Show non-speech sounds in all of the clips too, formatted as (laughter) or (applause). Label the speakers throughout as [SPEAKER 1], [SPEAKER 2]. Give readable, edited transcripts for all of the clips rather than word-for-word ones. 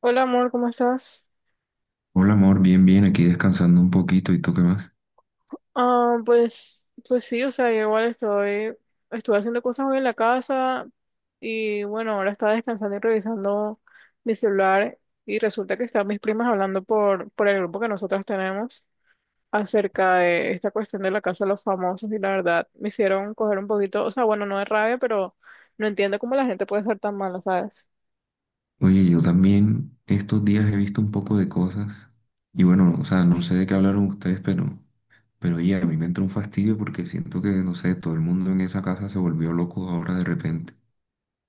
[SPEAKER 1] Hola amor, ¿cómo estás?
[SPEAKER 2] Hola amor, bien, bien, aquí descansando un poquito, ¿y tú qué más?
[SPEAKER 1] Ah, pues, sí, o sea, yo igual estoy, estuve haciendo cosas hoy en la casa y bueno, ahora estaba descansando y revisando mi celular y resulta que están mis primas hablando por el grupo que nosotras tenemos acerca de esta cuestión de La Casa de los Famosos, y la verdad me hicieron coger un poquito, o sea, bueno, no de rabia, pero no entiendo cómo la gente puede ser tan mala, ¿sabes?
[SPEAKER 2] Oye, yo también estos días he visto un poco de cosas y bueno, o sea, no sé de qué hablaron ustedes, pero oye, a mí me entró un fastidio porque siento que, no sé, todo el mundo en esa casa se volvió loco ahora de repente,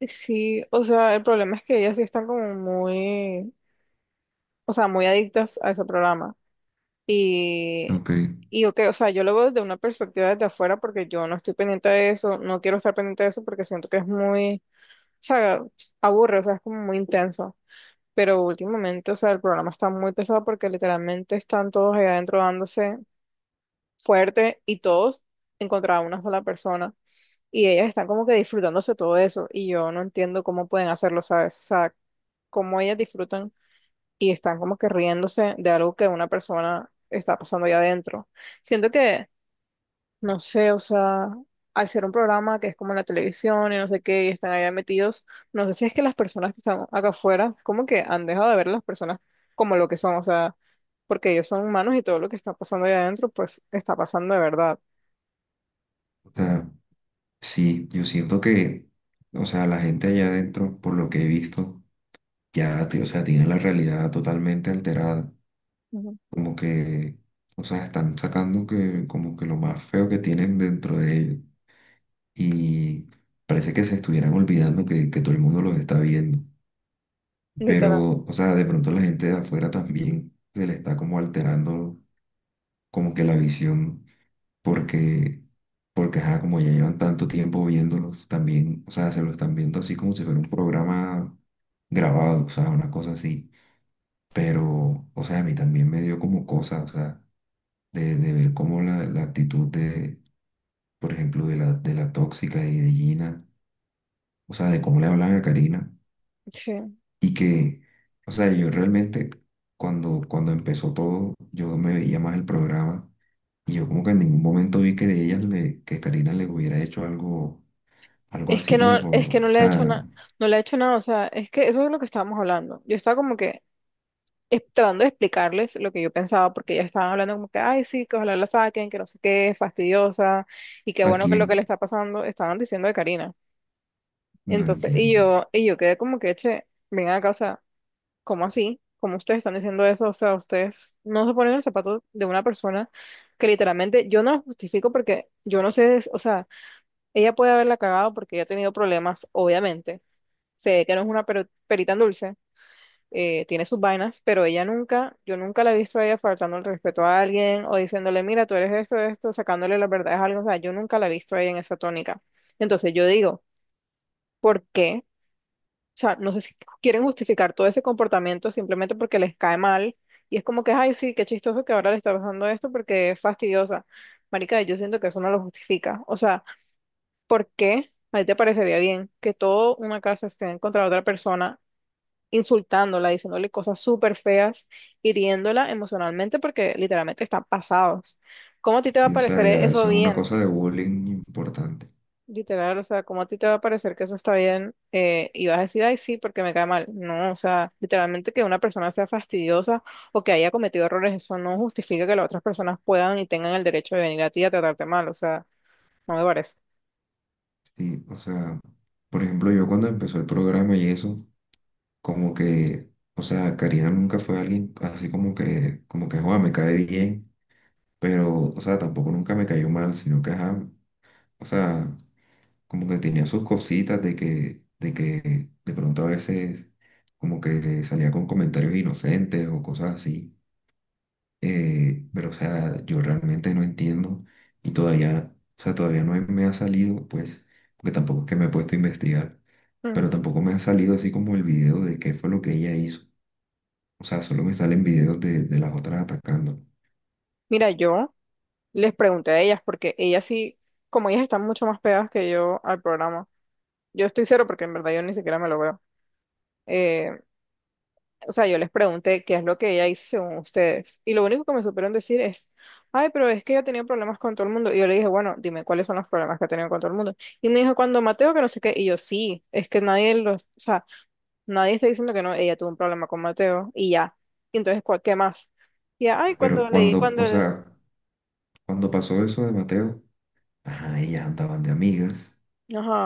[SPEAKER 1] Sí, o sea, el problema es que ellas sí están como muy, o sea, muy adictas a ese programa. Y,
[SPEAKER 2] ¿ok?
[SPEAKER 1] y ok, o sea, yo lo veo desde una perspectiva desde afuera porque yo no estoy pendiente de eso, no quiero estar pendiente de eso porque siento que es muy, o sea, aburre, o sea, es como muy intenso. Pero últimamente, o sea, el programa está muy pesado porque literalmente están todos allá adentro dándose fuerte y todos en contra de una sola persona. Y ellas están como que disfrutándose todo eso y yo no entiendo cómo pueden hacerlo, ¿sabes? O sea, cómo ellas disfrutan y están como que riéndose de algo que una persona está pasando allá adentro. Siento que, no sé, o sea, al ser un programa que es como en la televisión y no sé qué, y están allá metidos, no sé si es que las personas que están acá afuera, como que han dejado de ver a las personas como lo que son, o sea, porque ellos son humanos y todo lo que está pasando allá adentro, pues está pasando de verdad.
[SPEAKER 2] O sea, sí, yo siento que, o sea, la gente allá adentro, por lo que he visto, o sea, tiene la realidad totalmente alterada,
[SPEAKER 1] Ujú.
[SPEAKER 2] como que, o sea, están sacando que, como que lo más feo que tienen dentro de ellos. Y parece que se estuvieran olvidando que todo el mundo los está viendo.
[SPEAKER 1] Literal.
[SPEAKER 2] Pero, o sea, de pronto la gente de afuera también se le está como alterando como que la visión, porque, porque ajá, como ya llevan tanto tiempo viéndolos, también, o sea, se lo están viendo así como si fuera un programa grabado, o sea, una cosa así. Pero, o sea, a mí también me dio como cosa, o sea, de ver cómo la actitud de, por ejemplo, de la tóxica y de Gina, o sea, de cómo le hablan a Karina.
[SPEAKER 1] Sí.
[SPEAKER 2] Y que, o sea, yo realmente cuando empezó todo, yo me veía más el programa y yo como que en ningún momento vi que de ellas le, que Karina le hubiera hecho algo, algo así como,
[SPEAKER 1] Es que
[SPEAKER 2] o
[SPEAKER 1] no le he hecho nada,
[SPEAKER 2] sea,
[SPEAKER 1] no le he hecho nada, o sea, es que eso es lo que estábamos hablando. Yo estaba como que tratando de explicarles lo que yo pensaba, porque ya estaban hablando como que, ay, sí, que ojalá la saquen, que no sé qué, fastidiosa, y qué
[SPEAKER 2] ¿a
[SPEAKER 1] bueno que lo que le
[SPEAKER 2] quién?
[SPEAKER 1] está pasando, estaban diciendo de Karina.
[SPEAKER 2] No
[SPEAKER 1] Entonces, y
[SPEAKER 2] entiendo.
[SPEAKER 1] yo, y yo quedé como que, che, vengan acá, o sea, ¿cómo así? ¿Cómo ustedes están diciendo eso? O sea, ustedes no se ponen en los zapatos de una persona que literalmente yo no la justifico porque yo no sé, o sea, ella puede haberla cagado porque ella ha tenido problemas, obviamente. Sé que no es una perita en dulce, tiene sus vainas, pero ella nunca, yo nunca la he visto a ella faltando el respeto a alguien o diciéndole, mira, tú eres esto, esto, sacándole las verdades a algo, o sea, yo nunca la he visto a ella en esa tónica. Entonces yo digo, ¿por qué? O sea, no sé si quieren justificar todo ese comportamiento simplemente porque les cae mal y es como que, ay, sí, qué chistoso que ahora le está pasando esto porque es fastidiosa. Marica, yo siento que eso no lo justifica. O sea, ¿por qué? ¿A ti te parecería bien que toda una casa esté en contra de otra persona insultándola, diciéndole cosas súper feas, hiriéndola emocionalmente porque literalmente están pasados? ¿Cómo a ti te va a
[SPEAKER 2] Y, o sea,
[SPEAKER 1] parecer
[SPEAKER 2] ya
[SPEAKER 1] eso
[SPEAKER 2] eso es una
[SPEAKER 1] bien?
[SPEAKER 2] cosa de bullying importante.
[SPEAKER 1] Literal, o sea, ¿cómo a ti te va a parecer que eso está bien? Y vas a decir, ay, sí, porque me cae mal. No, o sea, literalmente que una persona sea fastidiosa o que haya cometido errores, eso no justifica que las otras personas puedan y tengan el derecho de venir a ti a tratarte mal, o sea, no me parece.
[SPEAKER 2] Sí, o sea, por ejemplo, yo cuando empezó el programa y eso, como que, o sea, Karina nunca fue alguien así como que, joder, me cae bien, pero, o sea, tampoco nunca me cayó mal, sino que, ajá, o sea, como que tenía sus cositas de que, de que de pronto a veces como que salía con comentarios inocentes o cosas así. Pero, o sea, yo realmente no entiendo y todavía, o sea, todavía no me ha salido, pues, porque tampoco es que me he puesto a investigar, pero
[SPEAKER 1] Ujú.
[SPEAKER 2] tampoco me ha salido así como el video de qué fue lo que ella hizo. O sea, solo me salen videos de las otras atacando.
[SPEAKER 1] Mira, yo les pregunté a ellas porque ellas sí, como ellas están mucho más pegadas que yo al programa, yo estoy cero porque en verdad yo ni siquiera me lo veo. Eh, o sea, yo les pregunté qué es lo que ella hizo según ustedes. Y lo único que me supieron decir es, ay, pero es que ella tenía problemas con todo el mundo. Y yo le dije, bueno, dime cuáles son los problemas que ha tenido con todo el mundo. Y me dijo, cuando Mateo, que no sé qué. Y yo, sí, es que nadie los, o sea, nadie está diciendo que no, ella tuvo un problema con Mateo y ya. Y entonces, ¿cuál- ¿qué más? Y ya, ay,
[SPEAKER 2] Pero
[SPEAKER 1] cuando leí,
[SPEAKER 2] cuando, o
[SPEAKER 1] cuando,
[SPEAKER 2] sea, cuando pasó eso de Mateo, ajá, ellas andaban de amigas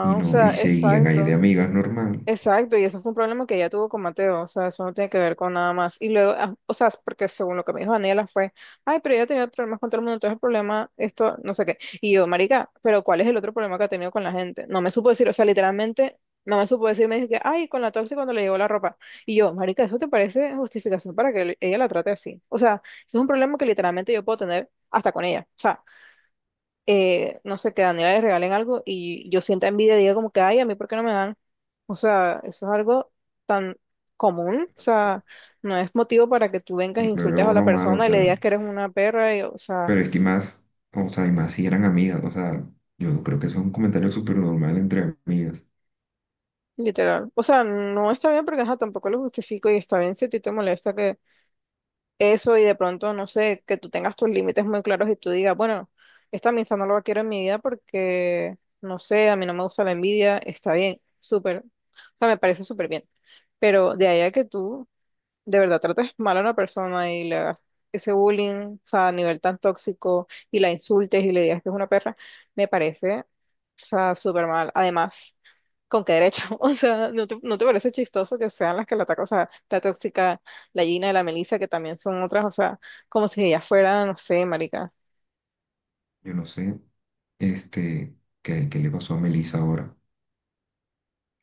[SPEAKER 2] y
[SPEAKER 1] o
[SPEAKER 2] no,
[SPEAKER 1] sea,
[SPEAKER 2] y seguían ahí de
[SPEAKER 1] exacto.
[SPEAKER 2] amigas normal.
[SPEAKER 1] Exacto, y eso fue un problema que ella tuvo con Mateo, o sea, eso no tiene que ver con nada más. Y luego, ah, o sea, porque según lo que me dijo Daniela fue, ay, pero ella tenía problemas con todo el mundo, entonces el problema, esto, no sé qué. Y yo, marica, pero ¿cuál es el otro problema que ha tenido con la gente? No me supo decir, o sea, literalmente, no me supo decir, me dijo que, ay, con la tóxica cuando le llegó la ropa. Y yo, marica, ¿eso te parece justificación para que ella la trate así? O sea, eso es un problema que literalmente yo puedo tener hasta con ella. O sea, no sé, que a Daniela le regalen algo y yo sienta envidia y diga como que, ay, a mí, ¿por qué no me dan? O sea, eso es algo tan común, o
[SPEAKER 2] Pero, o sea,
[SPEAKER 1] sea, no es motivo para que tú vengas e
[SPEAKER 2] no le
[SPEAKER 1] insultes a
[SPEAKER 2] veo
[SPEAKER 1] la
[SPEAKER 2] lo malo, o
[SPEAKER 1] persona y le
[SPEAKER 2] sea,
[SPEAKER 1] digas que eres una perra, y, o sea,
[SPEAKER 2] pero es que más, o sea, y más si eran amigas, o sea, yo creo que eso es un comentario súper normal entre amigas.
[SPEAKER 1] literal. O sea, no está bien porque ajá, tampoco lo justifico y está bien si a ti te molesta eso y de pronto, no sé, que tú tengas tus límites muy claros y tú digas, bueno, esta amistad no la quiero en mi vida porque, no sé, a mí no me gusta la envidia, está bien, súper, o sea, me parece súper bien. Pero de ahí a que tú de verdad tratas mal a una persona y le hagas ese bullying, o sea, a nivel tan tóxico, y la insultes y le digas que es una perra, me parece, o sea, súper mal. Además, ¿con qué derecho? (laughs) O sea, ¿no te, no te parece chistoso que sean las que la atacan? O sea, la tóxica, la Gina, la Melissa, que también son otras, o sea, como si ellas fueran, no sé, marica.
[SPEAKER 2] Yo no sé, este, qué, qué le pasó a Melissa ahora.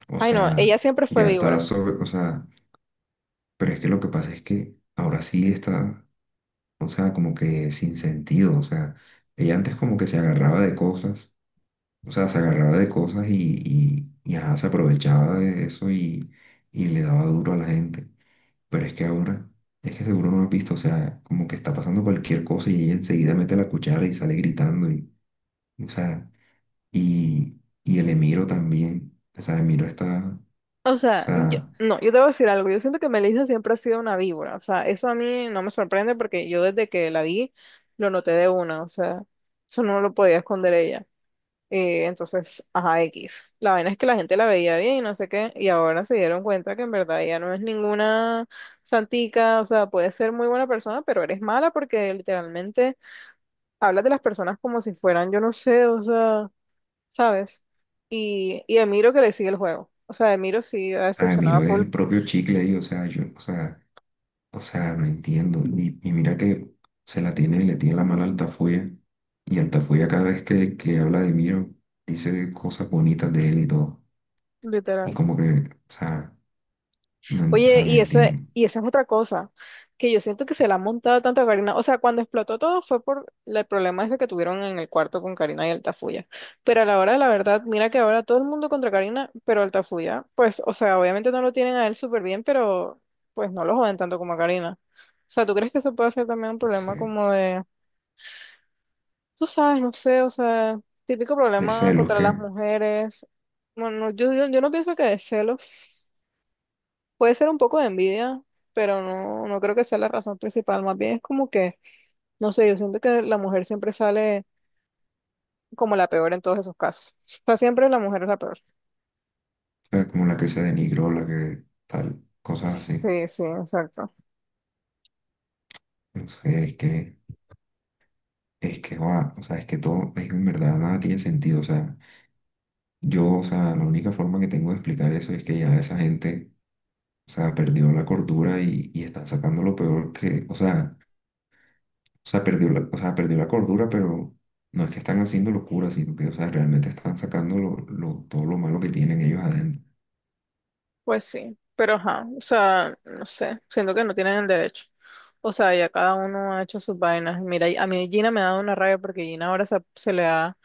[SPEAKER 2] O
[SPEAKER 1] Ay, no, ella
[SPEAKER 2] sea,
[SPEAKER 1] siempre fue
[SPEAKER 2] ya está
[SPEAKER 1] víbora.
[SPEAKER 2] sobre, o sea, pero es que lo que pasa es que ahora sí está, o sea, como que sin sentido, o sea, ella antes como que se agarraba de cosas. O sea, se agarraba de cosas y, ajá, se aprovechaba de eso y le daba duro a la gente. Pero es que ahora, es que seguro no has visto, o sea, como que está pasando cualquier cosa y ella enseguida mete la cuchara y sale gritando. Y, o sea, y el Emiro también, o sea, Emiro está, o
[SPEAKER 1] O sea, yo,
[SPEAKER 2] sea,
[SPEAKER 1] no, yo te voy a decir algo. Yo siento que Melissa siempre ha sido una víbora. O sea, eso a mí no me sorprende porque yo desde que la vi lo noté de una. O sea, eso no lo podía esconder ella. Entonces, ajá, X. La vaina es que la gente la veía bien y no sé qué. Y ahora se dieron cuenta que en verdad ella no es ninguna santica. O sea, puede ser muy buena persona, pero eres mala porque literalmente hablas de las personas como si fueran, yo no sé, o sea, ¿sabes? Y Emiro que le sigue el juego. O sea, Emiro sí ha
[SPEAKER 2] ah,
[SPEAKER 1] decepcionado a
[SPEAKER 2] Emiro es
[SPEAKER 1] full.
[SPEAKER 2] el propio chicle ahí, o sea, yo, o sea, no entiendo. Y mira que se la tiene y le tiene la mano alta. Y Altafulla cada vez que habla de Miro, dice cosas bonitas de él y todo. Y
[SPEAKER 1] Literal.
[SPEAKER 2] como que, o sea, no, o
[SPEAKER 1] Oye,
[SPEAKER 2] sea, no
[SPEAKER 1] y esa,
[SPEAKER 2] entiendo.
[SPEAKER 1] y esa es otra cosa, que yo siento que se la han montado tanto a Karina. O sea, cuando explotó todo fue por el problema ese que tuvieron en el cuarto con Karina y Altafulla. Pero a la hora de la verdad, mira que ahora todo el mundo contra Karina, pero Altafulla, pues, o sea, obviamente no lo tienen a él súper bien, pero pues no lo joden tanto como a Karina. O sea, ¿tú crees que eso puede ser también un problema
[SPEAKER 2] Se-
[SPEAKER 1] como de, tú sabes, no sé, o sea, típico
[SPEAKER 2] De
[SPEAKER 1] problema
[SPEAKER 2] celos,
[SPEAKER 1] contra
[SPEAKER 2] que,
[SPEAKER 1] las
[SPEAKER 2] o
[SPEAKER 1] mujeres? Bueno, yo no pienso que de celos. Puede ser un poco de envidia, pero no, no creo que sea la razón principal. Más bien es como que, no sé, yo siento que la mujer siempre sale como la peor en todos esos casos. O sea, siempre la mujer es la peor.
[SPEAKER 2] sea, como la que se denigró, la que tal, cosas así.
[SPEAKER 1] Sí, sí, exacto.
[SPEAKER 2] No sé, es que, va, o sea, es que todo, es que en verdad nada tiene sentido. O sea, yo, o sea, la única forma que tengo de explicar eso es que ya esa gente, o sea, perdió la cordura y están sacando lo peor que, o sea, o sea, perdió la, o sea, perdió la cordura, pero no es que están haciendo locura, sino que, o sea, realmente están sacando lo, todo lo malo que tienen ellos adentro.
[SPEAKER 1] Pues sí, pero ajá, o sea, no sé, siento que no tienen el derecho. O sea, ya cada uno ha hecho sus vainas. Mira, y a mí Gina me ha dado una rabia porque Gina ahora se, se le ha,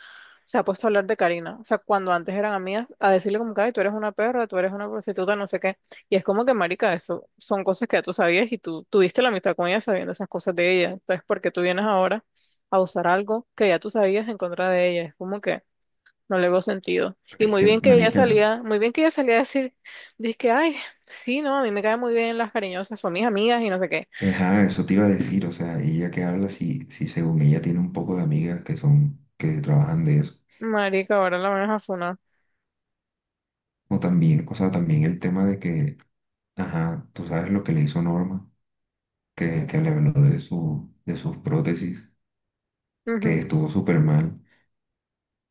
[SPEAKER 1] se ha puesto a hablar de Karina. O sea, cuando antes eran amigas, a decirle como que, ay, tú eres una perra, tú eres una prostituta, no sé qué. Y es como que, marica, eso son cosas que ya tú sabías y tú tuviste la amistad con ella sabiendo esas cosas de ella. Entonces, ¿por qué tú vienes ahora a usar algo que ya tú sabías en contra de ella? Es como que... No le veo sentido.
[SPEAKER 2] Pero
[SPEAKER 1] Y
[SPEAKER 2] es
[SPEAKER 1] muy
[SPEAKER 2] que,
[SPEAKER 1] bien que ella. Sí.
[SPEAKER 2] marica,
[SPEAKER 1] Salía, muy bien que ella salía a decir, dice que, ay, sí, no, a mí me caen muy bien las cariñosas, son mis amigas y no sé qué.
[SPEAKER 2] ajá, eso te iba a decir, o sea, ella que habla, si, si según ella tiene un poco de amigas que son, que trabajan de eso.
[SPEAKER 1] Marica, ahora la van a funar.
[SPEAKER 2] O también, o sea, también el tema de que, ajá, tú sabes lo que le hizo Norma, que le habló de su, de sus prótesis, que
[SPEAKER 1] Ujú.
[SPEAKER 2] estuvo súper mal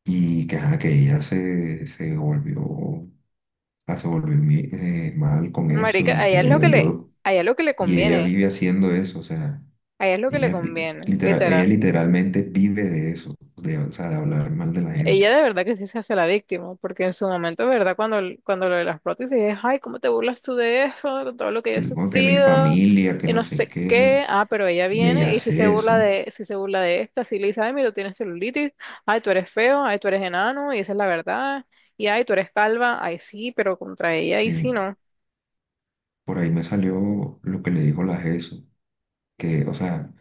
[SPEAKER 2] y que, ajá, que ella se, se volvió sea, se volvió mal con eso
[SPEAKER 1] Marica,
[SPEAKER 2] y que le dolió.
[SPEAKER 1] a ella es lo que le
[SPEAKER 2] Y ella
[SPEAKER 1] conviene,
[SPEAKER 2] vive haciendo eso, o sea,
[SPEAKER 1] a ella es lo que le
[SPEAKER 2] ella, vi-
[SPEAKER 1] conviene,
[SPEAKER 2] literal, ella
[SPEAKER 1] literal.
[SPEAKER 2] literalmente vive de eso, de, o sea, de hablar mal de la gente.
[SPEAKER 1] Ella de verdad que sí se hace la víctima, porque en su momento, ¿verdad? Cuando lo de las prótesis es, ay, ¿cómo te burlas tú de eso? De todo lo que yo
[SPEAKER 2] Que,
[SPEAKER 1] he
[SPEAKER 2] no, que mi
[SPEAKER 1] sufrido
[SPEAKER 2] familia, que
[SPEAKER 1] y
[SPEAKER 2] no
[SPEAKER 1] no
[SPEAKER 2] sé
[SPEAKER 1] sé qué.
[SPEAKER 2] qué,
[SPEAKER 1] Ah, pero ella
[SPEAKER 2] y ella
[SPEAKER 1] viene y si se
[SPEAKER 2] hace
[SPEAKER 1] burla
[SPEAKER 2] eso.
[SPEAKER 1] de, si se burla de esta, si le dice, ay, mira, tú tienes celulitis, ay, tú eres feo, ay, tú eres enano, y esa es la verdad, y ay, tú eres calva, ay, sí, pero contra ella, ahí sí
[SPEAKER 2] Sí,
[SPEAKER 1] no.
[SPEAKER 2] por ahí me salió lo que le dijo la Jesús, que,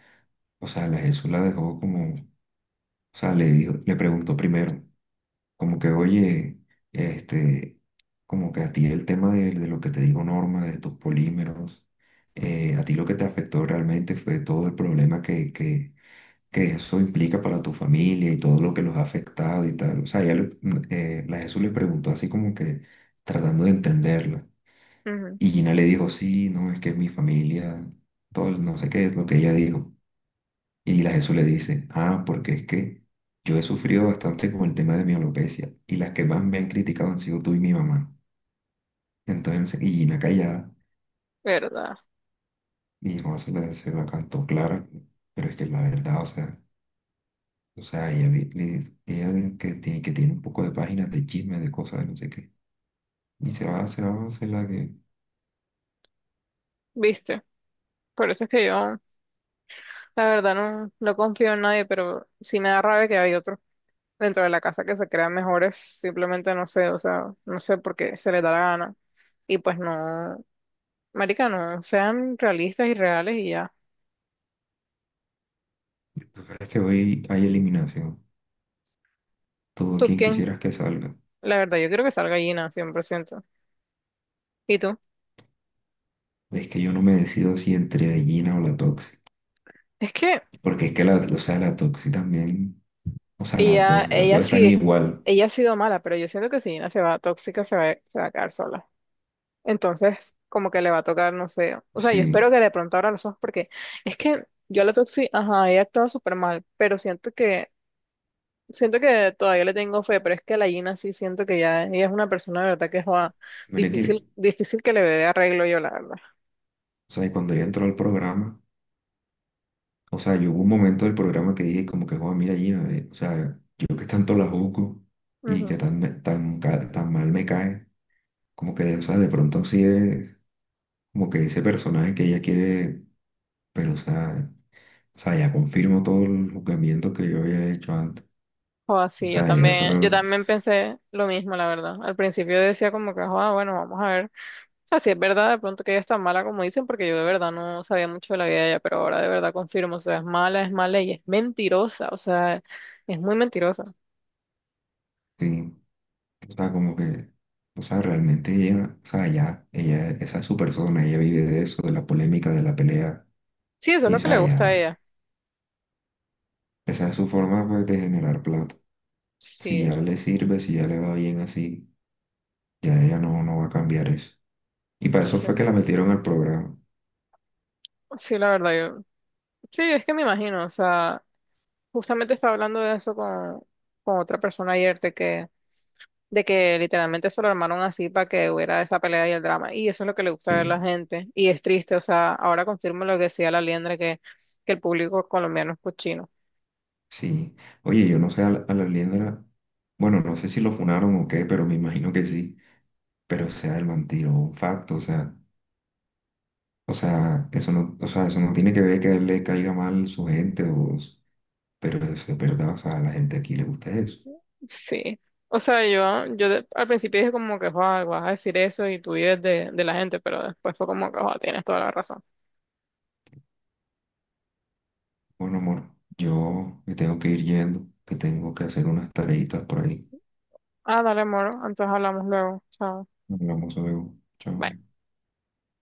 [SPEAKER 2] o sea, la Jesús la dejó como, o sea, le dijo, le preguntó primero, como que, oye, este, como que a ti el tema de lo que te digo Norma, de tus polímeros, a ti lo que te afectó realmente fue todo el problema que eso implica para tu familia y todo lo que los ha afectado y tal. O sea, ella la Jesús le preguntó así como que tratando de entenderla.
[SPEAKER 1] Ujú,
[SPEAKER 2] Y Gina le dijo, sí, no, es que mi familia, todo, el no sé qué es lo que ella dijo. Y la Jesús le dice, ah, porque es que yo he sufrido bastante con el tema de mi alopecia y las que más me han criticado han sido tú y mi mamá. Entonces, y Gina callada,
[SPEAKER 1] ¿verdad?
[SPEAKER 2] y Juan se la cantó clara, pero es que la verdad, o sea, ella, ella que tiene un poco de páginas de chismes, de cosas, de no sé qué, y se va, se la va a hacer la que...
[SPEAKER 1] ¿Viste? Por eso es que yo, la verdad, no, no confío en nadie, pero sí me da rabia que hay otros dentro de la casa que se crean mejores, simplemente no sé, o sea, no sé por qué se les da la gana. Y pues no, marica, no, sean realistas y reales y ya.
[SPEAKER 2] Lo que pasa es que hoy hay eliminación, todo
[SPEAKER 1] ¿Tú
[SPEAKER 2] quien
[SPEAKER 1] quién?
[SPEAKER 2] quisieras que salga.
[SPEAKER 1] La verdad, yo creo que salga Gina, ciento. ¿Y tú?
[SPEAKER 2] Es que yo no me decido si entre Gina o la Toxi,
[SPEAKER 1] Es que
[SPEAKER 2] porque es que la, o sea, la Toxi también... O sea,
[SPEAKER 1] ella,
[SPEAKER 2] las dos
[SPEAKER 1] ella
[SPEAKER 2] están
[SPEAKER 1] sí,
[SPEAKER 2] igual.
[SPEAKER 1] ella ha sido mala, pero yo siento que si Gina se va tóxica, se va a quedar sola. Entonces, como que le va a tocar, no sé, o sea, yo espero
[SPEAKER 2] Sí.
[SPEAKER 1] que de pronto abra los ojos porque es que yo a la Toxi, ajá, ella actuado súper mal, pero siento que siento que todavía le tengo fe, pero es que la Gina sí siento que ya ella es una persona de verdad que es joa,
[SPEAKER 2] Mire que,
[SPEAKER 1] difícil, difícil que le dé arreglo yo, la verdad.
[SPEAKER 2] o sea, y cuando ella entró al programa, o sea, yo hubo un momento del programa que dije como que, joder, mira Gina, o sea, yo que tanto la juzgo y que
[SPEAKER 1] Ujú.
[SPEAKER 2] tan, tan, tan mal me cae, como que, o sea, de pronto sí es como que ese personaje que ella quiere, pero, o sea, ya confirmo todo el juzgamiento que yo había hecho antes.
[SPEAKER 1] Joa,
[SPEAKER 2] O
[SPEAKER 1] sí, yo
[SPEAKER 2] sea, ella
[SPEAKER 1] también, yo
[SPEAKER 2] solo,
[SPEAKER 1] también pensé lo mismo, la verdad. Al principio decía como que, joa, bueno, vamos a ver. O sea, si es verdad, de pronto que ella es tan mala como dicen, porque yo de verdad no sabía mucho de la vida de ella, pero ahora de verdad confirmo, o sea, es mala y es mentirosa, o sea, es muy mentirosa.
[SPEAKER 2] sí, o sea, como que, o sea, realmente ella, o sea, ya, ella, esa es su persona, ella vive de eso, de la polémica, de la pelea,
[SPEAKER 1] Sí, eso es
[SPEAKER 2] y o
[SPEAKER 1] lo que le
[SPEAKER 2] sea,
[SPEAKER 1] gusta a
[SPEAKER 2] ya,
[SPEAKER 1] ella.
[SPEAKER 2] esa es su forma, pues, de generar plata. Si
[SPEAKER 1] Sí,
[SPEAKER 2] ya le
[SPEAKER 1] exacto.
[SPEAKER 2] sirve, si ya le va bien así, ya ella no, no va a cambiar eso. Y para eso
[SPEAKER 1] Sí,
[SPEAKER 2] fue que la metieron al programa.
[SPEAKER 1] sí, la verdad, yo, sí, es que me imagino, o sea. Justamente estaba hablando de eso con otra persona ayer, de que literalmente se lo armaron así para que hubiera esa pelea y el drama. Y eso es lo que le gusta
[SPEAKER 2] Sí,
[SPEAKER 1] ver a la gente. Y es triste, o sea, ahora confirmo lo que decía la Liendra, que el público colombiano es cochino.
[SPEAKER 2] sí. Oye, yo no sé a la Liendra, bueno, no sé si lo funaron o qué, pero me imagino que sí. Pero, o sea, el man tiró un facto, o sea, eso no, o sea, eso no tiene que ver que a él le caiga mal su gente o pero eso es verdad, o sea, a la gente aquí le gusta eso.
[SPEAKER 1] Sí. O sea, yo al principio dije como que, "Joa, vas a decir eso y tú vives de la gente", pero después fue como que, "Joa, tienes toda la razón".
[SPEAKER 2] Bueno, amor, yo me tengo que ir yendo, que tengo que hacer unas tareitas por ahí.
[SPEAKER 1] Ah, dale, amor, entonces hablamos luego. Chao.
[SPEAKER 2] Hablamos luego. Chao.
[SPEAKER 1] Bye.